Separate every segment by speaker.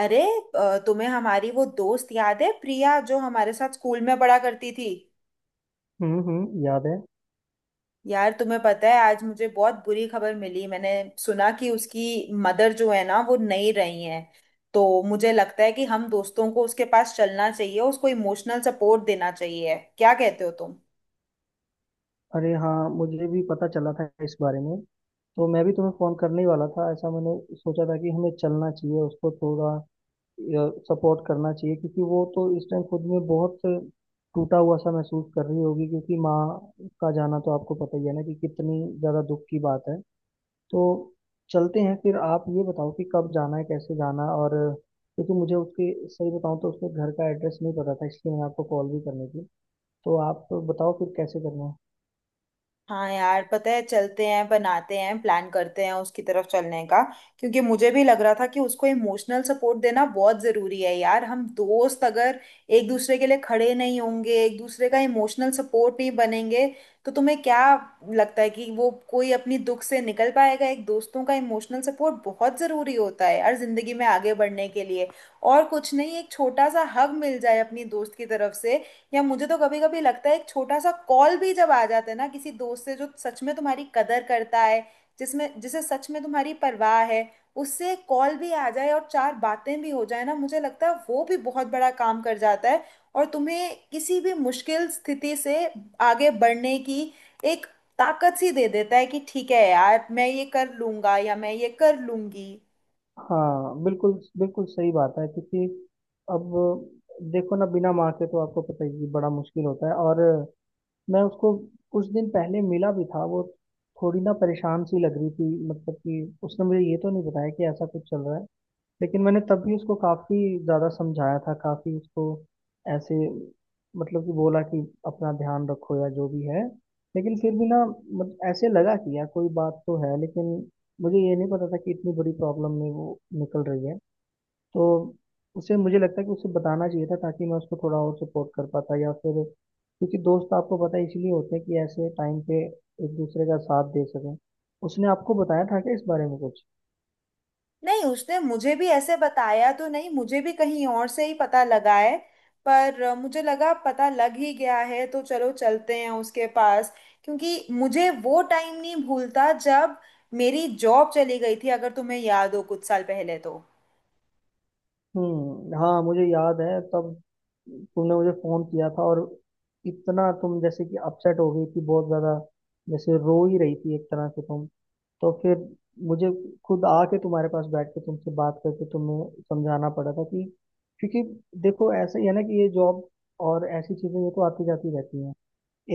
Speaker 1: अरे तुम्हें हमारी वो दोस्त याद है प्रिया जो हमारे साथ स्कूल में पढ़ा करती थी।
Speaker 2: हम्म, याद है।
Speaker 1: यार तुम्हें पता है, आज मुझे बहुत बुरी खबर मिली। मैंने सुना कि उसकी मदर जो है ना, वो नहीं रही हैं। तो मुझे लगता है कि हम दोस्तों को उसके पास चलना चाहिए, उसको इमोशनल सपोर्ट देना चाहिए। क्या कहते हो तुम?
Speaker 2: अरे हाँ, मुझे भी पता चला था इस बारे में। तो मैं भी तुम्हें फोन करने ही वाला था, ऐसा मैंने सोचा था कि हमें चलना चाहिए उसको थोड़ा सपोर्ट करना चाहिए, क्योंकि वो तो इस टाइम खुद में बहुत टूटा हुआ सा महसूस कर रही होगी, क्योंकि माँ का जाना तो आपको पता ही है ना कि कितनी ज्यादा दुख की बात है। तो चलते हैं फिर। आप ये बताओ कि कब जाना है, कैसे जाना, और क्योंकि मुझे उसके, सही बताऊं तो उसके घर का एड्रेस नहीं पता था, इसलिए मैंने आपको कॉल भी करनी थी। तो आप बताओ फिर कैसे करना है।
Speaker 1: हाँ यार, पता है, चलते हैं, बनाते हैं, प्लान करते हैं उसकी तरफ चलने का। क्योंकि मुझे भी लग रहा था कि उसको इमोशनल सपोर्ट देना बहुत ज़रूरी है। यार, हम दोस्त अगर एक दूसरे के लिए खड़े नहीं होंगे, एक दूसरे का इमोशनल सपोर्ट नहीं बनेंगे, तो तुम्हें क्या लगता है कि वो कोई अपनी दुख से निकल पाएगा। एक दोस्तों का इमोशनल सपोर्ट बहुत ज़रूरी होता है यार ज़िंदगी में आगे बढ़ने के लिए। और कुछ नहीं, एक छोटा सा हग मिल जाए अपनी दोस्त की तरफ से, या मुझे तो कभी कभी लगता है एक छोटा सा कॉल भी जब आ जाता है ना किसी दोस्त से जो सच में तुम्हारी कदर करता है, जिसमें जिसे सच में तुम्हारी परवाह है, उससे कॉल भी आ जाए और चार बातें भी हो जाए ना, मुझे लगता है वो भी बहुत बड़ा काम कर जाता है। और तुम्हें किसी भी मुश्किल स्थिति से आगे बढ़ने की एक ताकत सी दे देता है कि ठीक है यार, मैं ये कर लूंगा या मैं ये कर लूंगी।
Speaker 2: हाँ बिल्कुल, बिल्कुल सही बात है। क्योंकि अब देखो ना, बिना माँ के तो आपको पता ही है, बड़ा मुश्किल होता है। और मैं उसको कुछ दिन पहले मिला भी था, वो थोड़ी ना परेशान सी लग रही थी। मतलब कि उसने मुझे ये तो नहीं बताया कि ऐसा कुछ चल रहा है, लेकिन मैंने तब भी उसको काफी ज्यादा समझाया था, काफी उसको ऐसे, मतलब कि बोला कि अपना ध्यान रखो या जो भी है। लेकिन फिर भी ना, ऐसे लगा कि यार कोई बात तो है, लेकिन मुझे ये नहीं पता था कि इतनी बड़ी प्रॉब्लम में वो निकल रही है। तो उसे, मुझे लगता है कि उसे बताना चाहिए था, ताकि मैं उसको थोड़ा और सपोर्ट कर पाता, या फिर क्योंकि दोस्त आपको पता है इसलिए होते हैं कि ऐसे टाइम पे एक दूसरे का साथ दे सकें। उसने आपको बताया था क्या इस बारे में कुछ?
Speaker 1: नहीं, उसने मुझे भी ऐसे बताया तो नहीं, मुझे भी कहीं और से ही पता लगा है। पर मुझे लगा पता लग ही गया है तो चलो चलते हैं उसके पास। क्योंकि मुझे वो टाइम नहीं भूलता जब मेरी जॉब चली गई थी, अगर तुम्हें याद हो कुछ साल पहले। तो
Speaker 2: हम्म, हाँ मुझे याद है। तब तुमने मुझे फोन किया था, और इतना तुम जैसे कि अपसेट हो गई थी बहुत ज्यादा, जैसे रो ही रही थी एक तरह से तुम। तो फिर मुझे खुद आके तुम्हारे पास बैठ के तुमसे बात करके तुम्हें समझाना पड़ा था कि, क्योंकि देखो ऐसा ही है ना कि ये जॉब और ऐसी चीजें, ये तो आती जाती रहती हैं।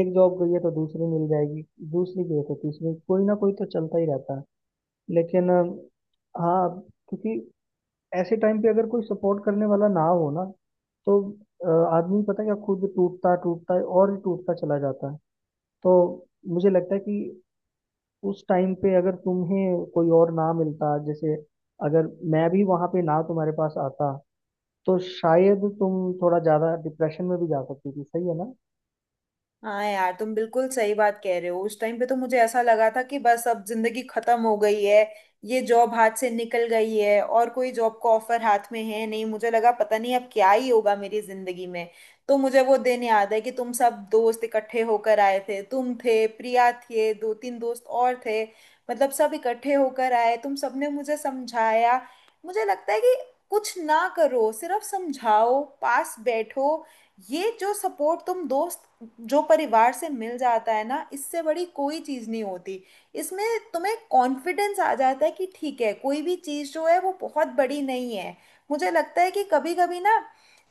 Speaker 2: एक जॉब गई है तो दूसरी मिल जाएगी, दूसरी गई है तो तीसरी, कोई ना कोई तो चलता ही रहता है। लेकिन हाँ, क्योंकि ऐसे टाइम पे अगर कोई सपोर्ट करने वाला ना हो ना, तो अ, आदमी पता है क्या, खुद टूटता टूटता है और ही टूटता चला जाता है। तो मुझे लगता है कि उस टाइम पे अगर तुम्हें कोई और ना मिलता, जैसे अगर मैं भी वहां पे ना तुम्हारे पास आता, तो शायद तुम थोड़ा ज्यादा डिप्रेशन में भी जा सकती थी, सही है ना?
Speaker 1: हाँ यार, तुम बिल्कुल सही बात कह रहे हो। उस टाइम पे तो मुझे ऐसा लगा था कि बस अब जिंदगी खत्म हो गई है। ये जॉब हाथ से निकल गई है और कोई जॉब का ऑफर हाथ में है नहीं, मुझे लगा पता नहीं अब क्या ही होगा मेरी जिंदगी में। तो मुझे वो दिन याद है कि तुम सब दोस्त इकट्ठे होकर आए थे। तुम थे, प्रिया थे, दो तीन दोस्त और थे, मतलब सब इकट्ठे होकर आए, तुम सबने मुझे समझाया। मुझे लगता है कि कुछ ना करो, सिर्फ समझाओ, पास बैठो। ये जो सपोर्ट तुम दोस्त, जो परिवार से मिल जाता है ना, इससे बड़ी कोई चीज़ नहीं होती। इसमें तुम्हें कॉन्फिडेंस आ जाता है कि ठीक है, कोई भी चीज़ जो है वो बहुत बड़ी नहीं है। मुझे लगता है कि कभी कभी ना,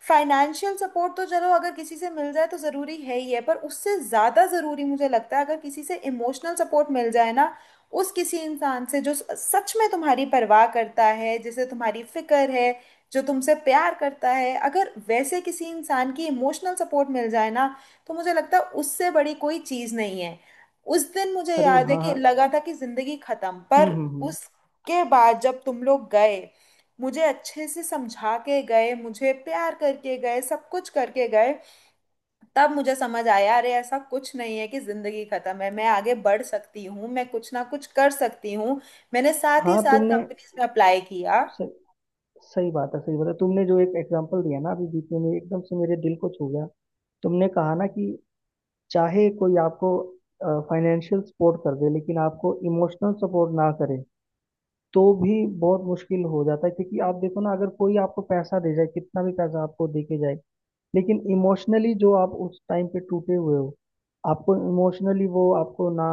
Speaker 1: फाइनेंशियल सपोर्ट तो चलो अगर किसी से मिल जाए तो ज़रूरी है ही है, पर उससे ज़्यादा ज़रूरी मुझे लगता है अगर किसी से इमोशनल सपोर्ट मिल जाए ना, उस किसी इंसान से जो सच में तुम्हारी परवाह करता है, जिसे तुम्हारी फिक्र है, जो तुमसे प्यार करता है, अगर वैसे किसी इंसान की इमोशनल सपोर्ट मिल जाए ना, तो मुझे लगता है उससे बड़ी कोई चीज नहीं है। उस दिन मुझे
Speaker 2: अरे
Speaker 1: याद है
Speaker 2: हाँ
Speaker 1: कि
Speaker 2: हाँ।
Speaker 1: लगा था कि जिंदगी खत्म, पर
Speaker 2: हम्म।
Speaker 1: उसके बाद जब तुम लोग गए, मुझे अच्छे से समझा के गए, मुझे प्यार करके गए, सब कुछ करके गए, तब मुझे समझ आया अरे ऐसा कुछ नहीं है कि जिंदगी खत्म है, मैं आगे बढ़ सकती हूँ, मैं कुछ ना कुछ कर सकती हूँ। मैंने साथ ही
Speaker 2: हाँ
Speaker 1: साथ
Speaker 2: तुमने
Speaker 1: कंपनीज में अप्लाई किया।
Speaker 2: सही, सही बात है, सही बात है। तुमने जो एक एग्जांपल दिया ना अभी बीच में, एकदम से मेरे दिल को छू गया। तुमने कहा ना कि चाहे कोई आपको फाइनेंशियल सपोर्ट कर दे, लेकिन आपको इमोशनल सपोर्ट ना करे, तो भी बहुत मुश्किल हो जाता है। क्योंकि आप देखो ना, अगर कोई आपको पैसा दे जाए, कितना भी पैसा आपको दे के जाए, लेकिन इमोशनली जो आप उस टाइम पे टूटे हुए हो, आपको इमोशनली वो आपको ना,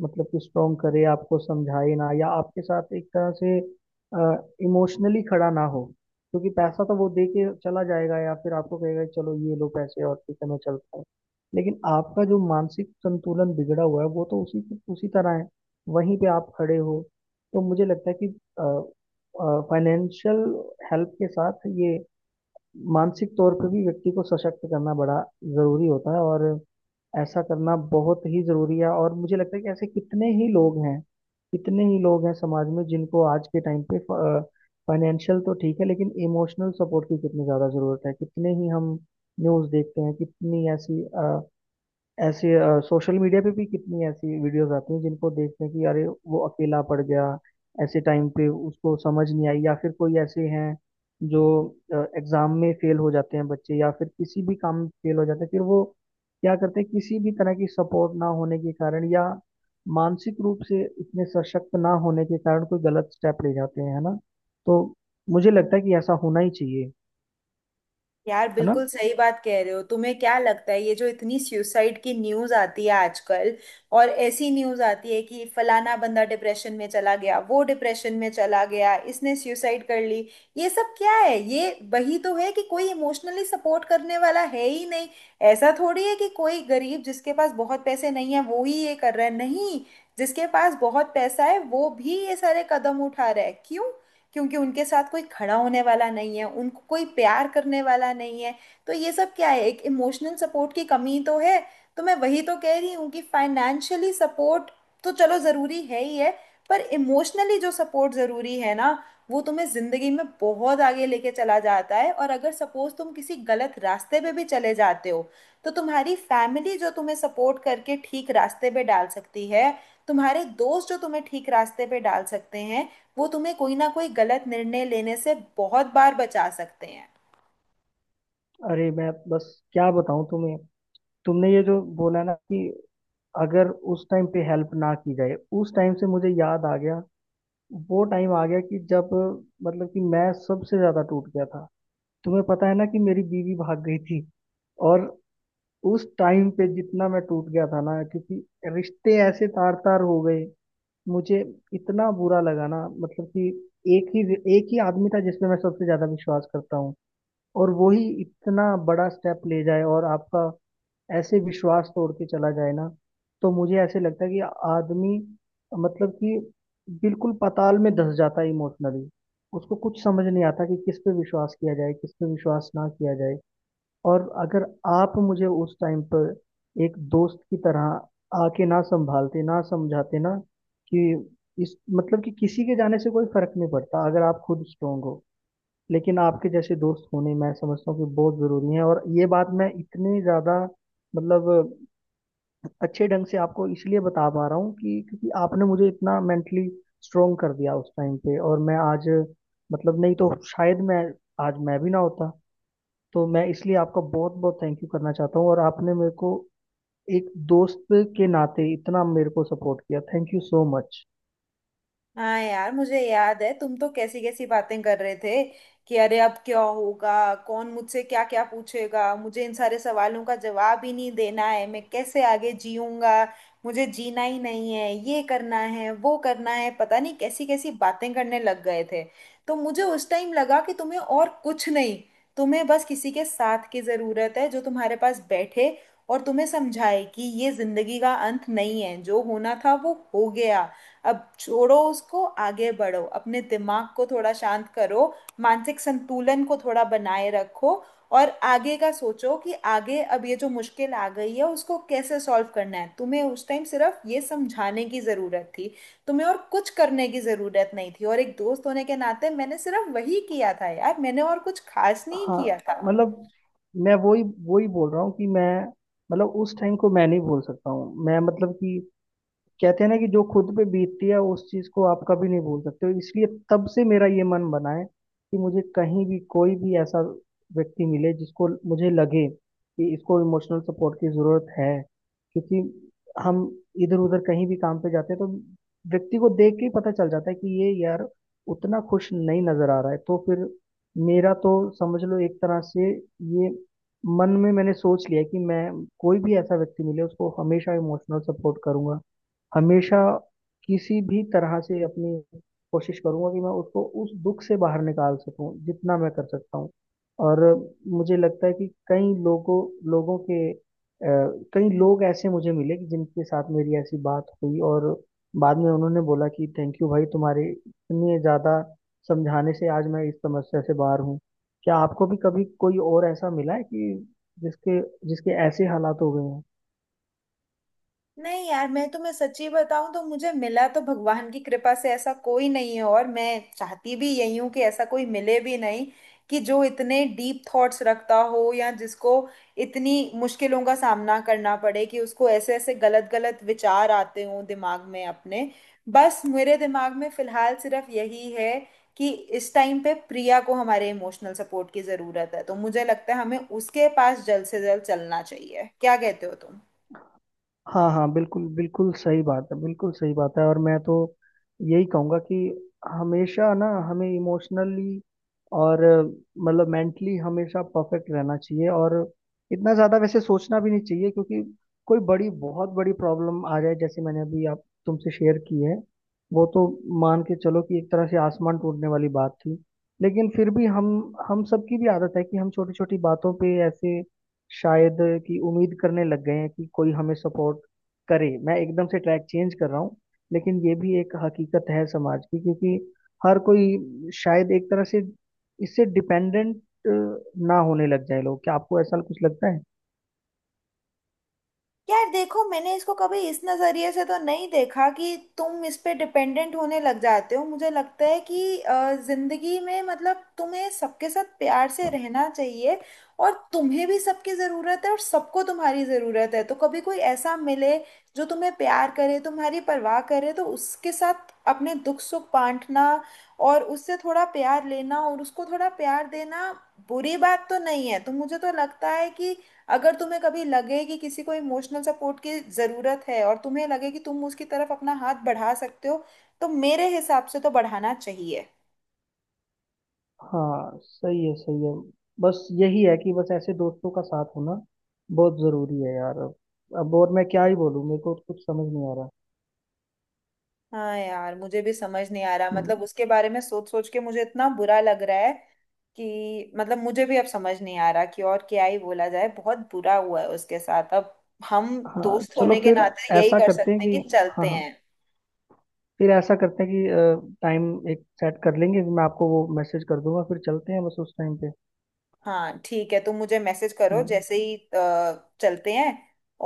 Speaker 2: मतलब कि स्ट्रोंग करे, आपको समझाए ना, या आपके साथ एक तरह से इमोशनली खड़ा ना हो। क्योंकि पैसा तो वो दे के चला जाएगा, या फिर आपको कहेगा कि चलो ये लो पैसे और ठीक है मैं चलता हूँ। लेकिन आपका जो मानसिक संतुलन बिगड़ा हुआ है, वो तो उसी उसी तरह है, वहीं पे आप खड़े हो। तो मुझे लगता है कि फाइनेंशियल हेल्प के साथ ये मानसिक तौर पे भी व्यक्ति को सशक्त करना बड़ा जरूरी होता है, और ऐसा करना बहुत ही जरूरी है। और मुझे लगता है कि ऐसे कितने ही लोग हैं, कितने ही लोग हैं समाज में जिनको आज के टाइम पे फाइनेंशियल तो ठीक है, लेकिन इमोशनल सपोर्ट की कितनी ज्यादा जरूरत है। कितने ही हम न्यूज़ देखते हैं, कितनी ऐसी, ऐसे सोशल मीडिया पे भी कितनी ऐसी वीडियोस आती हैं जिनको देखते हैं कि अरे वो अकेला पड़ गया, ऐसे टाइम पे उसको समझ नहीं आई। या फिर कोई ऐसे हैं जो एग्जाम में फेल हो जाते हैं बच्चे, या फिर किसी भी काम में फेल हो जाते हैं, फिर वो क्या करते हैं, किसी भी तरह की सपोर्ट ना होने के कारण या मानसिक रूप से इतने सशक्त ना होने के कारण कोई गलत स्टेप ले जाते हैं, है ना। तो मुझे लगता है कि ऐसा होना ही चाहिए।
Speaker 1: यार
Speaker 2: है ना।
Speaker 1: बिल्कुल सही बात कह रहे हो। तुम्हें क्या लगता है ये जो इतनी सुसाइड की न्यूज आती है आजकल, और ऐसी न्यूज आती है कि फलाना बंदा डिप्रेशन में चला गया, वो डिप्रेशन में चला गया, इसने सुसाइड कर ली। ये सब क्या है? ये वही तो है कि कोई इमोशनली सपोर्ट करने वाला है ही नहीं। ऐसा थोड़ी है कि कोई गरीब जिसके पास बहुत पैसे नहीं है, वो ही ये कर रहा है, नहीं, जिसके पास बहुत पैसा है वो भी ये सारे कदम उठा रहा है। क्यों? क्योंकि उनके साथ कोई खड़ा होने वाला नहीं है, उनको कोई प्यार करने वाला नहीं है। तो ये सब क्या है, एक इमोशनल सपोर्ट की कमी तो है। तो मैं वही तो कह रही हूँ कि फाइनेंशियली सपोर्ट तो चलो ज़रूरी है ही है, पर इमोशनली जो सपोर्ट ज़रूरी है ना, वो तुम्हें ज़िंदगी में बहुत आगे लेके चला जाता है। और अगर सपोज़ तुम किसी गलत रास्ते पे भी चले जाते हो, तो तुम्हारी फैमिली जो तुम्हें सपोर्ट करके ठीक रास्ते पे डाल सकती है, तुम्हारे दोस्त जो तुम्हें ठीक रास्ते पे डाल सकते हैं, वो तुम्हें कोई ना कोई गलत निर्णय लेने से बहुत बार बचा सकते हैं।
Speaker 2: अरे मैं बस क्या बताऊं तुम्हें। तुमने ये जो बोला ना कि अगर उस टाइम पे हेल्प ना की जाए, उस टाइम से मुझे याद आ गया, वो टाइम आ गया कि जब, मतलब कि मैं सबसे ज़्यादा टूट गया था। तुम्हें पता है ना कि मेरी बीवी भाग गई थी। और उस टाइम पे जितना मैं टूट गया था ना, क्योंकि रिश्ते ऐसे तार तार हो गए, मुझे इतना बुरा लगा ना। मतलब कि एक ही एक ही आदमी था जिस पे मैं सबसे ज़्यादा विश्वास करता हूँ, और वो ही इतना बड़ा स्टेप ले जाए और आपका ऐसे विश्वास तोड़ के चला जाए ना। तो मुझे ऐसे लगता है कि आदमी, मतलब कि बिल्कुल पाताल में धंस जाता है इमोशनली। उसको कुछ समझ नहीं आता कि किस पे विश्वास किया जाए, किस पे विश्वास ना किया जाए। और अगर आप मुझे उस टाइम पर एक दोस्त की तरह आके ना संभालते ना, समझाते ना कि इस, मतलब कि किसी के जाने से कोई फर्क नहीं पड़ता अगर आप खुद स्ट्रोंग हो। लेकिन आपके जैसे दोस्त होने, मैं समझता हूँ कि बहुत जरूरी है। और ये बात मैं इतनी ज्यादा, मतलब अच्छे ढंग से आपको इसलिए बता पा रहा हूँ कि क्योंकि आपने मुझे इतना मेंटली स्ट्रोंग कर दिया उस टाइम पे। और मैं आज, मतलब नहीं तो शायद मैं आज मैं भी ना होता। तो मैं इसलिए आपका बहुत बहुत थैंक यू करना चाहता हूँ। और आपने मेरे को एक दोस्त के नाते इतना मेरे को सपोर्ट किया, थैंक यू सो मच।
Speaker 1: हाँ यार, मुझे याद है तुम तो कैसी कैसी बातें कर रहे थे कि अरे अब क्या होगा, कौन मुझसे क्या क्या पूछेगा, मुझे इन सारे सवालों का जवाब ही नहीं देना है, मैं कैसे आगे जीऊंगा, मुझे जीना ही नहीं है, ये करना है, वो करना है, पता नहीं कैसी कैसी बातें करने लग गए थे। तो मुझे उस टाइम लगा कि तुम्हें और कुछ नहीं, तुम्हें बस किसी के साथ की ज़रूरत है, जो तुम्हारे पास बैठे और तुम्हें समझाए कि ये ज़िंदगी का अंत नहीं है, जो होना था वो हो गया, अब छोड़ो उसको, आगे बढ़ो, अपने दिमाग को थोड़ा शांत करो, मानसिक संतुलन को थोड़ा बनाए रखो और आगे का सोचो कि आगे अब ये जो मुश्किल आ गई है उसको कैसे सॉल्व करना है। तुम्हें उस टाइम सिर्फ ये समझाने की ज़रूरत थी, तुम्हें और कुछ करने की ज़रूरत नहीं थी, और एक दोस्त होने के नाते मैंने सिर्फ वही किया था यार, मैंने और कुछ खास नहीं
Speaker 2: हाँ,
Speaker 1: किया था।
Speaker 2: मतलब मैं वही वही बोल रहा हूँ कि मैं, मतलब उस टाइम को मैं नहीं भूल सकता हूँ। मैं मतलब कि कहते हैं ना कि जो खुद पे बीतती है उस चीज को आप कभी नहीं भूल सकते हो। इसलिए तब से मेरा ये मन बना है कि मुझे कहीं भी कोई भी ऐसा व्यक्ति मिले जिसको मुझे लगे कि इसको इमोशनल सपोर्ट की जरूरत है। क्योंकि हम इधर उधर कहीं भी काम पे जाते हैं, तो व्यक्ति को देख के ही पता चल जाता है कि ये यार उतना खुश नहीं नजर आ रहा है। तो फिर मेरा तो समझ लो एक तरह से ये मन में मैंने सोच लिया है कि मैं, कोई भी ऐसा व्यक्ति मिले उसको हमेशा इमोशनल सपोर्ट करूंगा, हमेशा। किसी भी तरह से अपनी कोशिश करूंगा कि मैं उसको उस दुख से बाहर निकाल सकूं, जितना मैं कर सकता हूं। और मुझे लगता है कि कई लोगों लोगों के कई लोग ऐसे मुझे मिले कि जिनके साथ मेरी ऐसी बात हुई, और बाद में उन्होंने बोला कि थैंक यू भाई, तुम्हारे इतने ज़्यादा समझाने से आज मैं इस समस्या से बाहर हूँ। क्या आपको भी कभी कोई और ऐसा मिला है कि जिसके जिसके ऐसे हालात हो गए हैं?
Speaker 1: नहीं यार, मैं तुम्हें सच्ची बताऊं तो मुझे मिला तो भगवान की कृपा से ऐसा कोई नहीं है, और मैं चाहती भी यही हूं कि ऐसा कोई मिले भी नहीं, कि जो इतने डीप थॉट्स रखता हो या जिसको इतनी मुश्किलों का सामना करना पड़े कि उसको ऐसे ऐसे गलत गलत विचार आते हों दिमाग में अपने। बस मेरे दिमाग में फिलहाल सिर्फ यही है कि इस टाइम पे प्रिया को हमारे इमोशनल सपोर्ट की ज़रूरत है, तो मुझे लगता है हमें उसके पास जल्द से जल्द चलना चाहिए। क्या कहते हो तुम?
Speaker 2: हाँ हाँ, बिल्कुल बिल्कुल सही बात है, बिल्कुल सही बात है। और मैं तो यही कहूँगा कि हमेशा ना हमें इमोशनली और मतलब मेंटली हमेशा परफेक्ट रहना चाहिए, और इतना ज़्यादा वैसे सोचना भी नहीं चाहिए। क्योंकि कोई बड़ी, बहुत बड़ी प्रॉब्लम आ जाए जैसे मैंने अभी आप तुमसे शेयर की है, वो तो मान के चलो कि एक तरह से आसमान टूटने वाली बात थी। लेकिन फिर भी हम सबकी भी आदत है कि हम छोटी छोटी बातों पे ऐसे, शायद कि उम्मीद करने लग गए हैं कि कोई हमें सपोर्ट करे। मैं एकदम से ट्रैक चेंज कर रहा हूँ, लेकिन ये भी एक हकीकत है समाज की। क्योंकि हर कोई शायद एक तरह से इससे डिपेंडेंट ना होने लग जाए लोग, क्या आपको ऐसा कुछ लगता है?
Speaker 1: यार देखो, मैंने इसको कभी इस नज़रिए से तो नहीं देखा कि तुम इस पे डिपेंडेंट होने लग जाते हो। मुझे लगता है कि जिंदगी में मतलब तुम्हें सबके साथ प्यार से रहना चाहिए, और तुम्हें भी सबकी ज़रूरत है और सबको तुम्हारी ज़रूरत है। तो कभी कोई ऐसा मिले जो तुम्हें प्यार करे, तुम्हारी परवाह करे, तो उसके साथ अपने दुख सुख बांटना, और उससे थोड़ा प्यार लेना और उसको थोड़ा प्यार देना बुरी बात तो नहीं है। तो मुझे तो लगता है कि अगर तुम्हें कभी लगे कि किसी को इमोशनल सपोर्ट की ज़रूरत है और तुम्हें लगे कि तुम उसकी तरफ अपना हाथ बढ़ा सकते हो, तो मेरे हिसाब से तो बढ़ाना चाहिए।
Speaker 2: हाँ सही है, सही है। बस यही है कि बस ऐसे दोस्तों का साथ होना बहुत ज़रूरी है यार। अब और मैं क्या ही बोलूँ, मेरे को कुछ समझ नहीं आ रहा।
Speaker 1: हाँ यार, मुझे भी समझ नहीं आ रहा,
Speaker 2: हम्म।
Speaker 1: मतलब उसके बारे में सोच सोच के मुझे इतना बुरा लग रहा है कि मतलब मुझे भी अब समझ नहीं आ रहा कि और क्या ही बोला जाए। बहुत बुरा हुआ है उसके साथ। अब हम
Speaker 2: हाँ
Speaker 1: दोस्त
Speaker 2: चलो
Speaker 1: होने के
Speaker 2: फिर
Speaker 1: नाते यही
Speaker 2: ऐसा
Speaker 1: कर
Speaker 2: करते हैं
Speaker 1: सकते हैं
Speaker 2: कि,
Speaker 1: कि
Speaker 2: हाँ
Speaker 1: चलते
Speaker 2: हाँ,
Speaker 1: हैं।
Speaker 2: फिर ऐसा करते हैं कि टाइम एक सेट कर लेंगे, मैं आपको वो मैसेज कर दूंगा, फिर चलते हैं बस उस टाइम पे।
Speaker 1: हाँ ठीक है, तुम मुझे मैसेज करो,
Speaker 2: हम्म,
Speaker 1: जैसे ही चलते हैं।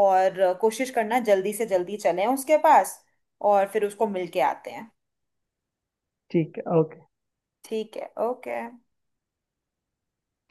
Speaker 1: और कोशिश करना जल्दी से जल्दी चलें उसके पास, और फिर उसको मिलके आते हैं।
Speaker 2: ठीक है, ओके।
Speaker 1: ठीक है, ओके।